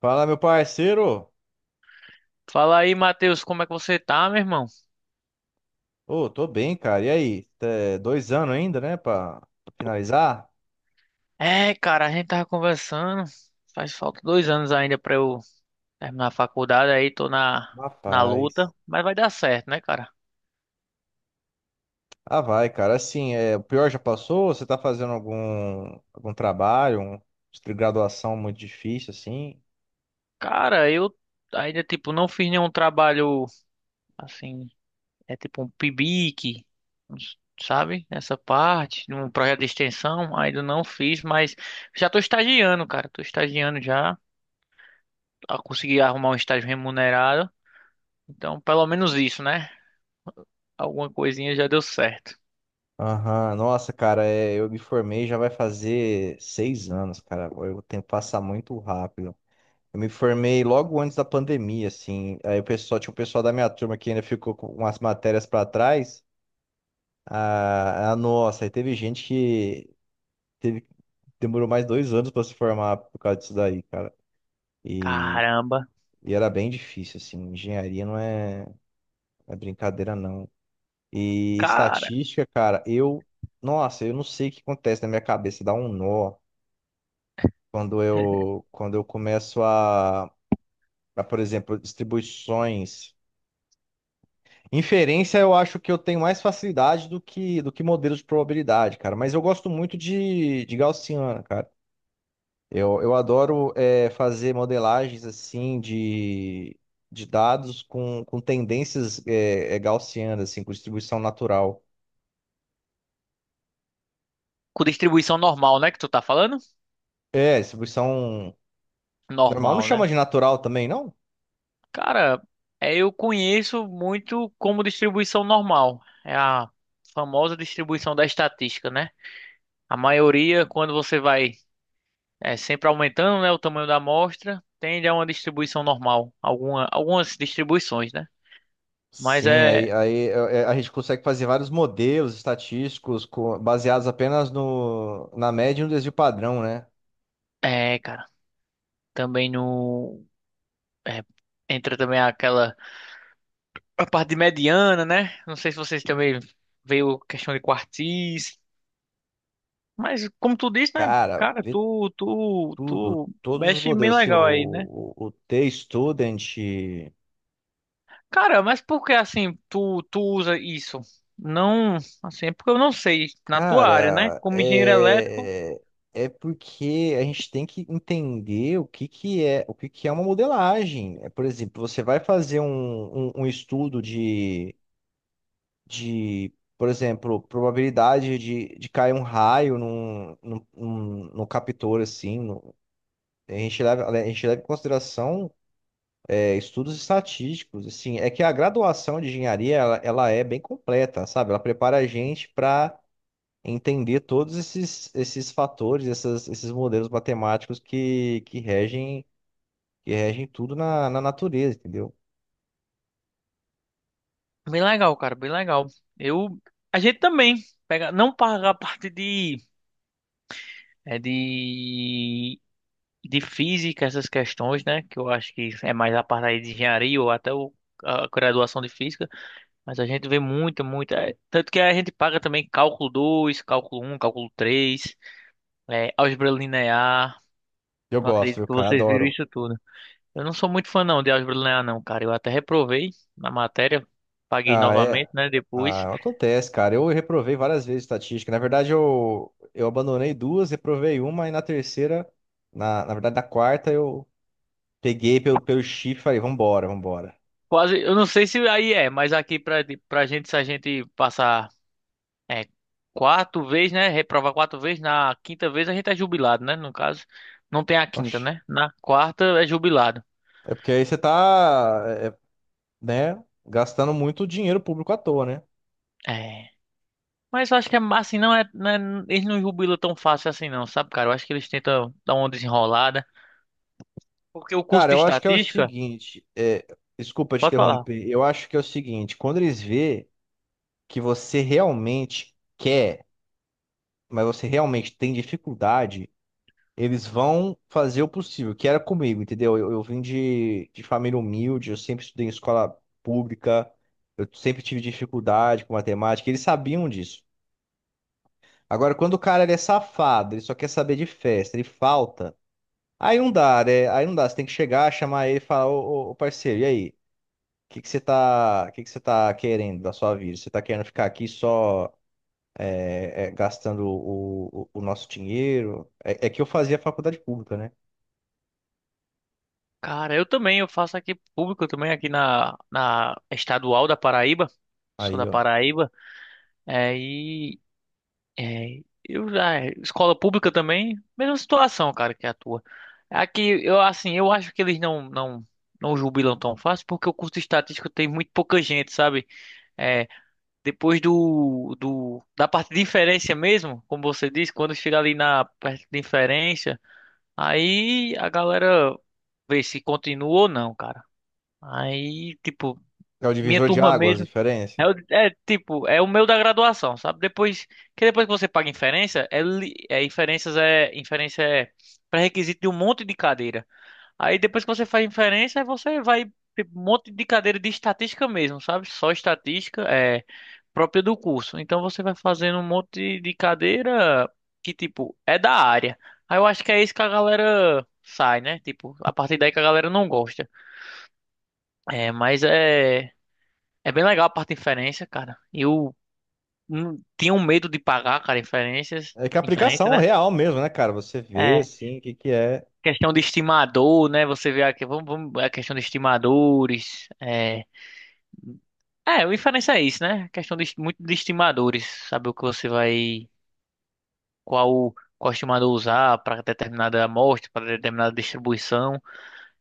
Fala, meu parceiro. Fala aí, Matheus, como é que você tá, meu irmão? Ô, tô bem, cara. E aí? Dois anos ainda, né, pra finalizar? É, cara, a gente tava conversando. Faz falta dois anos ainda pra eu terminar a faculdade, aí tô na Rapaz. luta, mas vai dar certo, né, cara? Ah, vai, cara. Assim, é, o pior já passou? Você tá fazendo algum trabalho, de graduação muito difícil, assim? Cara, eu ainda, tipo, não fiz nenhum trabalho assim, é tipo um PIBIC, sabe? Nessa parte, num projeto de extensão, ainda não fiz, mas já tô estagiando, cara. Tô estagiando já. Consegui arrumar um estágio remunerado. Então, pelo menos isso, né? Alguma coisinha já deu certo. Aham. Nossa, cara, eu me formei já vai fazer seis anos, cara. O tempo passa muito rápido. Eu me formei logo antes da pandemia, assim. Aí o pessoal, tinha o pessoal da minha turma que ainda ficou com umas matérias pra trás. E teve gente que teve, demorou mais dois anos para se formar por causa disso daí, cara. E, Caramba. e era bem difícil, assim. Engenharia é brincadeira, não. E Cara, estatística, cara, eu. Nossa, eu não sei o que acontece na minha cabeça, dá um nó quando eu começo a, por exemplo, distribuições. Inferência, eu acho que eu tenho mais facilidade do que modelos de probabilidade, cara. Mas eu gosto muito de Gaussiana, cara. Eu adoro fazer modelagens assim de dados com tendências gaussianas, assim, com distribuição natural. com distribuição normal, né, que tu tá falando? É, distribuição normal. Não Normal, né? chama de natural também, não? Cara, é, eu conheço muito como distribuição normal. É a famosa distribuição da estatística, né? A maioria, quando você vai sempre aumentando, né, o tamanho da amostra, tende a uma distribuição normal. Algumas distribuições, né? Mas Sim, a gente consegue fazer vários modelos estatísticos baseados apenas no, na média e no desvio padrão, né? Cara, também no, é, entra também aquela a parte de mediana, né? Não sei se vocês também veio questão de quartis, mas como tu disse, né? Cara, Cara, vê tudo, tu todos os mexe bem modelos, assim, o, legal aí, né? o, o T-Student. Cara, mas por que assim tu usa isso? Não, assim, é porque eu não sei na tua área, né? Cara, Como engenheiro elétrico, é porque a gente tem que entender o que que é uma modelagem. É, por exemplo, você vai fazer um estudo de por exemplo, probabilidade de cair um raio no captor, assim. A gente leva em consideração estudos estatísticos, assim. É que a graduação de engenharia, ela é bem completa, sabe? Ela prepara a gente para entender todos esses fatores, esses modelos matemáticos que regem tudo na, na natureza, entendeu? bem legal, cara, bem legal. Eu, a gente também pega, não paga a parte de, é de de física, essas questões, né? Que eu acho que é mais a parte aí de engenharia ou até a graduação de física. Mas a gente vê muita. Tanto que a gente paga também cálculo dois, cálculo um, cálculo três, álgebra linear. Eu Não gosto, acredito viu, que cara? vocês viram Adoro. isso tudo. Eu não sou muito fã não de álgebra linear, não, cara. Eu até reprovei na matéria. Paguei Ah, é. novamente, né? Depois. Ah, acontece, cara. Eu reprovei várias vezes estatística. Na verdade, eu abandonei duas, reprovei uma, e na terceira, na quarta, eu peguei pelo chifre e falei, vambora, vambora. Quase. Eu não sei se aí é, mas aqui pra gente, se a gente passar É, quatro vezes, né? Reprovar quatro vezes. Na quinta vez a gente é jubilado, né? No caso, não tem a quinta, Oxi. né? Na quarta é jubilado. É porque aí você tá, é, né, gastando muito dinheiro público à toa, né? É. Mas eu acho que é assim, não é- Eles não jubilam tão fácil assim, não, sabe, cara? Eu acho que eles tentam dar uma desenrolada. Porque o curso Cara, de eu acho que é o estatística, seguinte, é, desculpa te pode falar. interromper, eu acho que é o seguinte, quando eles vê que você realmente quer, mas você realmente tem dificuldade, eles vão fazer o possível, que era comigo, entendeu? Eu vim de família humilde, eu sempre estudei em escola pública, eu sempre tive dificuldade com matemática, eles sabiam disso. Agora, quando o cara ele é safado, ele só quer saber de festa, ele falta, aí não dá, né? Aí não dá, você tem que chegar, chamar ele e falar, ô, parceiro, e aí? O que que você tá querendo da sua vida? Você tá querendo ficar aqui só gastando o nosso dinheiro? É que eu fazia faculdade pública, né? Cara, eu também, eu faço aqui público, também aqui na estadual da Paraíba. Sou Aí, da ó. Paraíba. É, É, eu já, é, escola pública também, mesma situação, cara, que a tua. Aqui, eu assim, eu acho que eles não jubilam tão fácil, porque o curso de estatística tem muito pouca gente, sabe? É, depois da parte de inferência mesmo, como você disse, quando chega ali na parte de inferência, aí a galera vê se continua ou não, cara. Aí, tipo, É o minha divisor de turma águas, a mesmo. É, diferença. Tipo, é o meu da graduação, sabe? Depois que você paga inferência, é, li- é inferências é inferência é pré-requisito de um monte de cadeira. Aí depois que você faz inferência, aí você vai tipo, um monte de cadeira de estatística mesmo, sabe? Só estatística é própria do curso. Então você vai fazendo um monte de cadeira que tipo é da área. Aí eu acho que é isso que a galera sai, né? Tipo, a partir daí que a galera não gosta. É, mas é É bem legal a parte de inferência, cara. E o tinham medo de pagar, cara, É que a inferência, aplicação né? é real mesmo, né, cara? Você vê, É, assim, o que que é. questão de estimador, né? Você vê aqui, vamos, é a questão de estimadores, o inferência é isso, né? Questão de, muito de estimadores, saber o que você vai, qual estimador usar para determinada amostra, para determinada distribuição,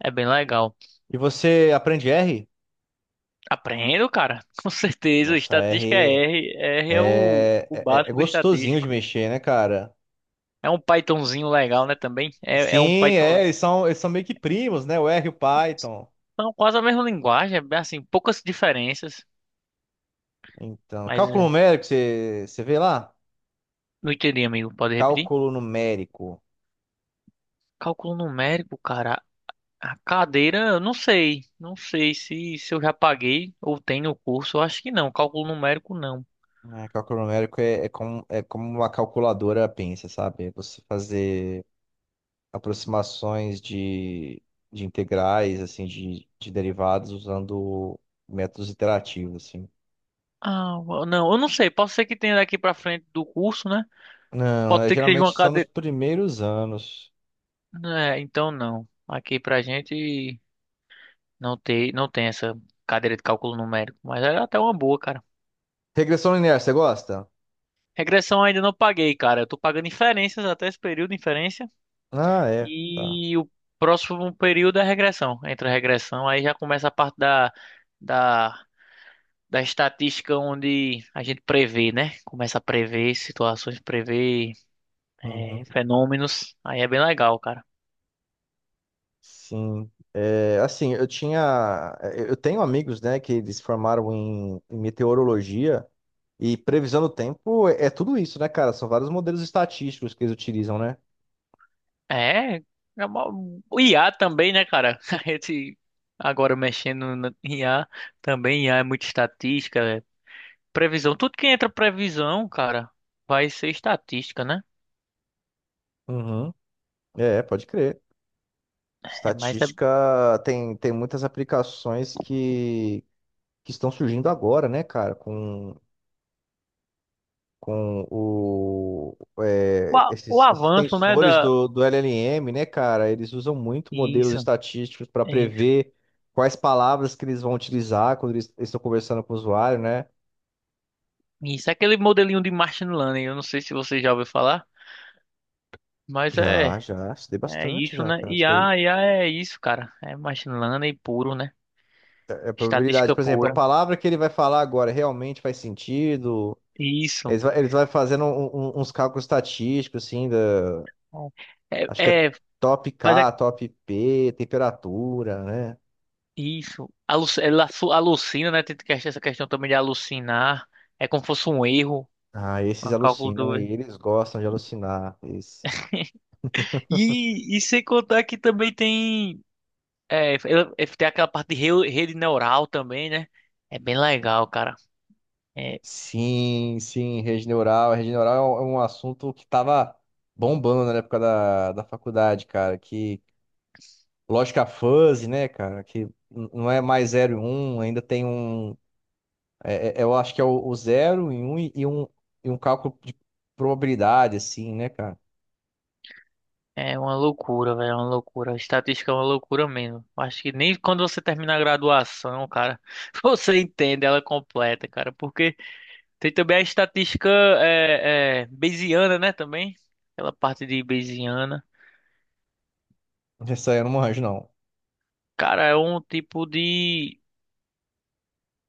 é bem legal. E você aprende R? Aprendo, cara, com certeza, Nossa, estatística é R R, R é é, o é, é é básico do gostosinho de estatístico. mexer, né, cara? É um Pythonzinho legal, né, também? É um Sim, Python é, eles são meio que primos, né? O R e o Python. São quase a mesma linguagem, é assim, poucas diferenças. Então, Mas cálculo é, numérico, você vê lá? não entendi, amigo. Pode repetir? Cálculo numérico. Cálculo numérico, cara. A cadeira, eu não sei. Não sei se eu já paguei ou tem no curso. Eu acho que não. Cálculo numérico, não. É, cálculo numérico é, é como uma calculadora pensa, sabe? É, você fazer aproximações de integrais, assim, de derivados usando métodos iterativos, assim. Ah, não, eu não sei. Pode ser que tenha daqui pra frente do curso, né? Não, Pode é, ser que seja uma geralmente são nos cadeira. primeiros anos. É, então não. Aqui pra gente não tem essa cadeira de cálculo numérico. Mas é até uma boa, cara. Regressão linear, você gosta? Regressão ainda não paguei, cara. Eu tô pagando inferências até esse período, inferência. Ah, é. Tá. E o próximo período é a regressão. Entra a regressão, aí já começa a parte da, da estatística onde a gente prevê, né? Começa a prever situações, prever Uhum. fenômenos. Aí é bem legal, cara. Sim. Eu tenho amigos, né, que eles formaram em meteorologia e previsão do tempo é tudo isso, né, cara? São vários modelos estatísticos que eles utilizam, né? É, é uma- o IA também, né, cara? A gente agora mexendo no IA também, IA é muito estatística, é previsão. Tudo que entra previsão, cara, vai ser estatística, né? Uhum. É, pode crer. É, mas é Estatística tem muitas aplicações que estão surgindo agora, né, cara? Com com o, o é, o esses, esses avanço, né, tensores da... do LLM, né, cara? Eles usam muito modelos Isso. estatísticos para É isso. prever quais palavras que eles vão utilizar quando eles estão conversando com o usuário, né? Isso é aquele modelinho de machine learning. Eu não sei se você já ouviu falar, mas é Estudei é bastante isso, já, né? cara, isso daí. IA, a é isso, cara. É machine learning puro, né? É a probabilidade, Estatística por exemplo, a pura. palavra que ele vai falar agora realmente faz sentido? Isso. Eles vai fazendo uns cálculos estatísticos, assim, É, acho que é é, é top mas é K, top P, temperatura, né? isso. Ela alucina, né? Essa questão também de alucinar. É como se fosse um erro, Ah, esses um cálculo alucinam, do erro. e eles gostam de alucinar. Esse- E sem contar que também tem tem aquela parte de rede neural também, né? É bem legal, cara. É, Sim, sim, rede neural. Rede neural é um assunto que tava bombando na época da faculdade, cara. Que lógica fuzzy, né, cara? Que não é mais zero e um. Ainda tem um. Eu acho que é o 0 e 1 e e um cálculo de probabilidade, assim, né, cara? É uma loucura, velho, é uma loucura. A estatística é uma loucura mesmo. Acho que nem quando você termina a graduação, cara, você entende ela completa, cara. Porque tem também a estatística Bayesiana, né, também. Aquela parte de Bayesiana. Essa aí eu não manjo, não. Cara, é um tipo de...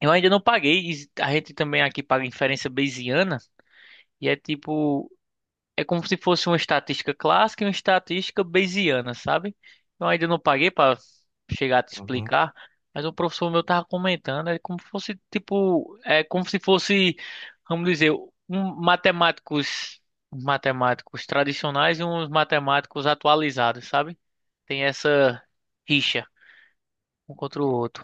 Eu ainda não paguei. A gente também aqui paga inferência Bayesiana. E é tipo... É como se fosse uma estatística clássica e uma estatística bayesiana, sabe? Eu ainda não paguei para chegar a te Uhum. explicar, mas o professor meu tava comentando, é como se fosse tipo, é como se fosse, vamos dizer, um matemáticos, matemáticos tradicionais e uns matemáticos atualizados, sabe? Tem essa rixa um contra o outro.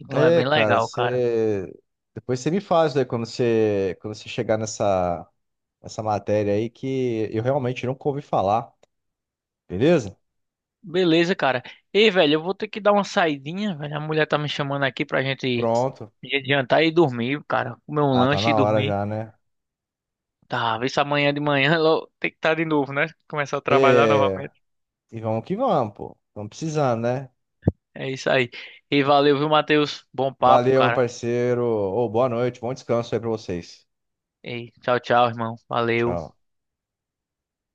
Então é É, bem cara, legal, cara. você. Depois você me faz, né, quando você chegar nessa. Essa matéria aí que eu realmente nunca ouvi falar. Beleza? Beleza, cara. Ei, velho, eu vou ter que dar uma saidinha, velho. A mulher tá me chamando aqui pra gente Pronto. ir jantar e dormir, cara. Comer um Ah, tá lanche e na hora dormir. já, né? Tá, vê se amanhã de manhã logo tem que estar de novo, né? Começar a trabalhar É, novamente. e vamos que vamos, pô. Estamos precisando, né? É isso aí. E valeu, viu, Matheus? Bom papo, Valeu, meu cara. parceiro. Ô, boa noite, bom descanso aí pra vocês. Ei, tchau, tchau, irmão. Valeu. Tchau.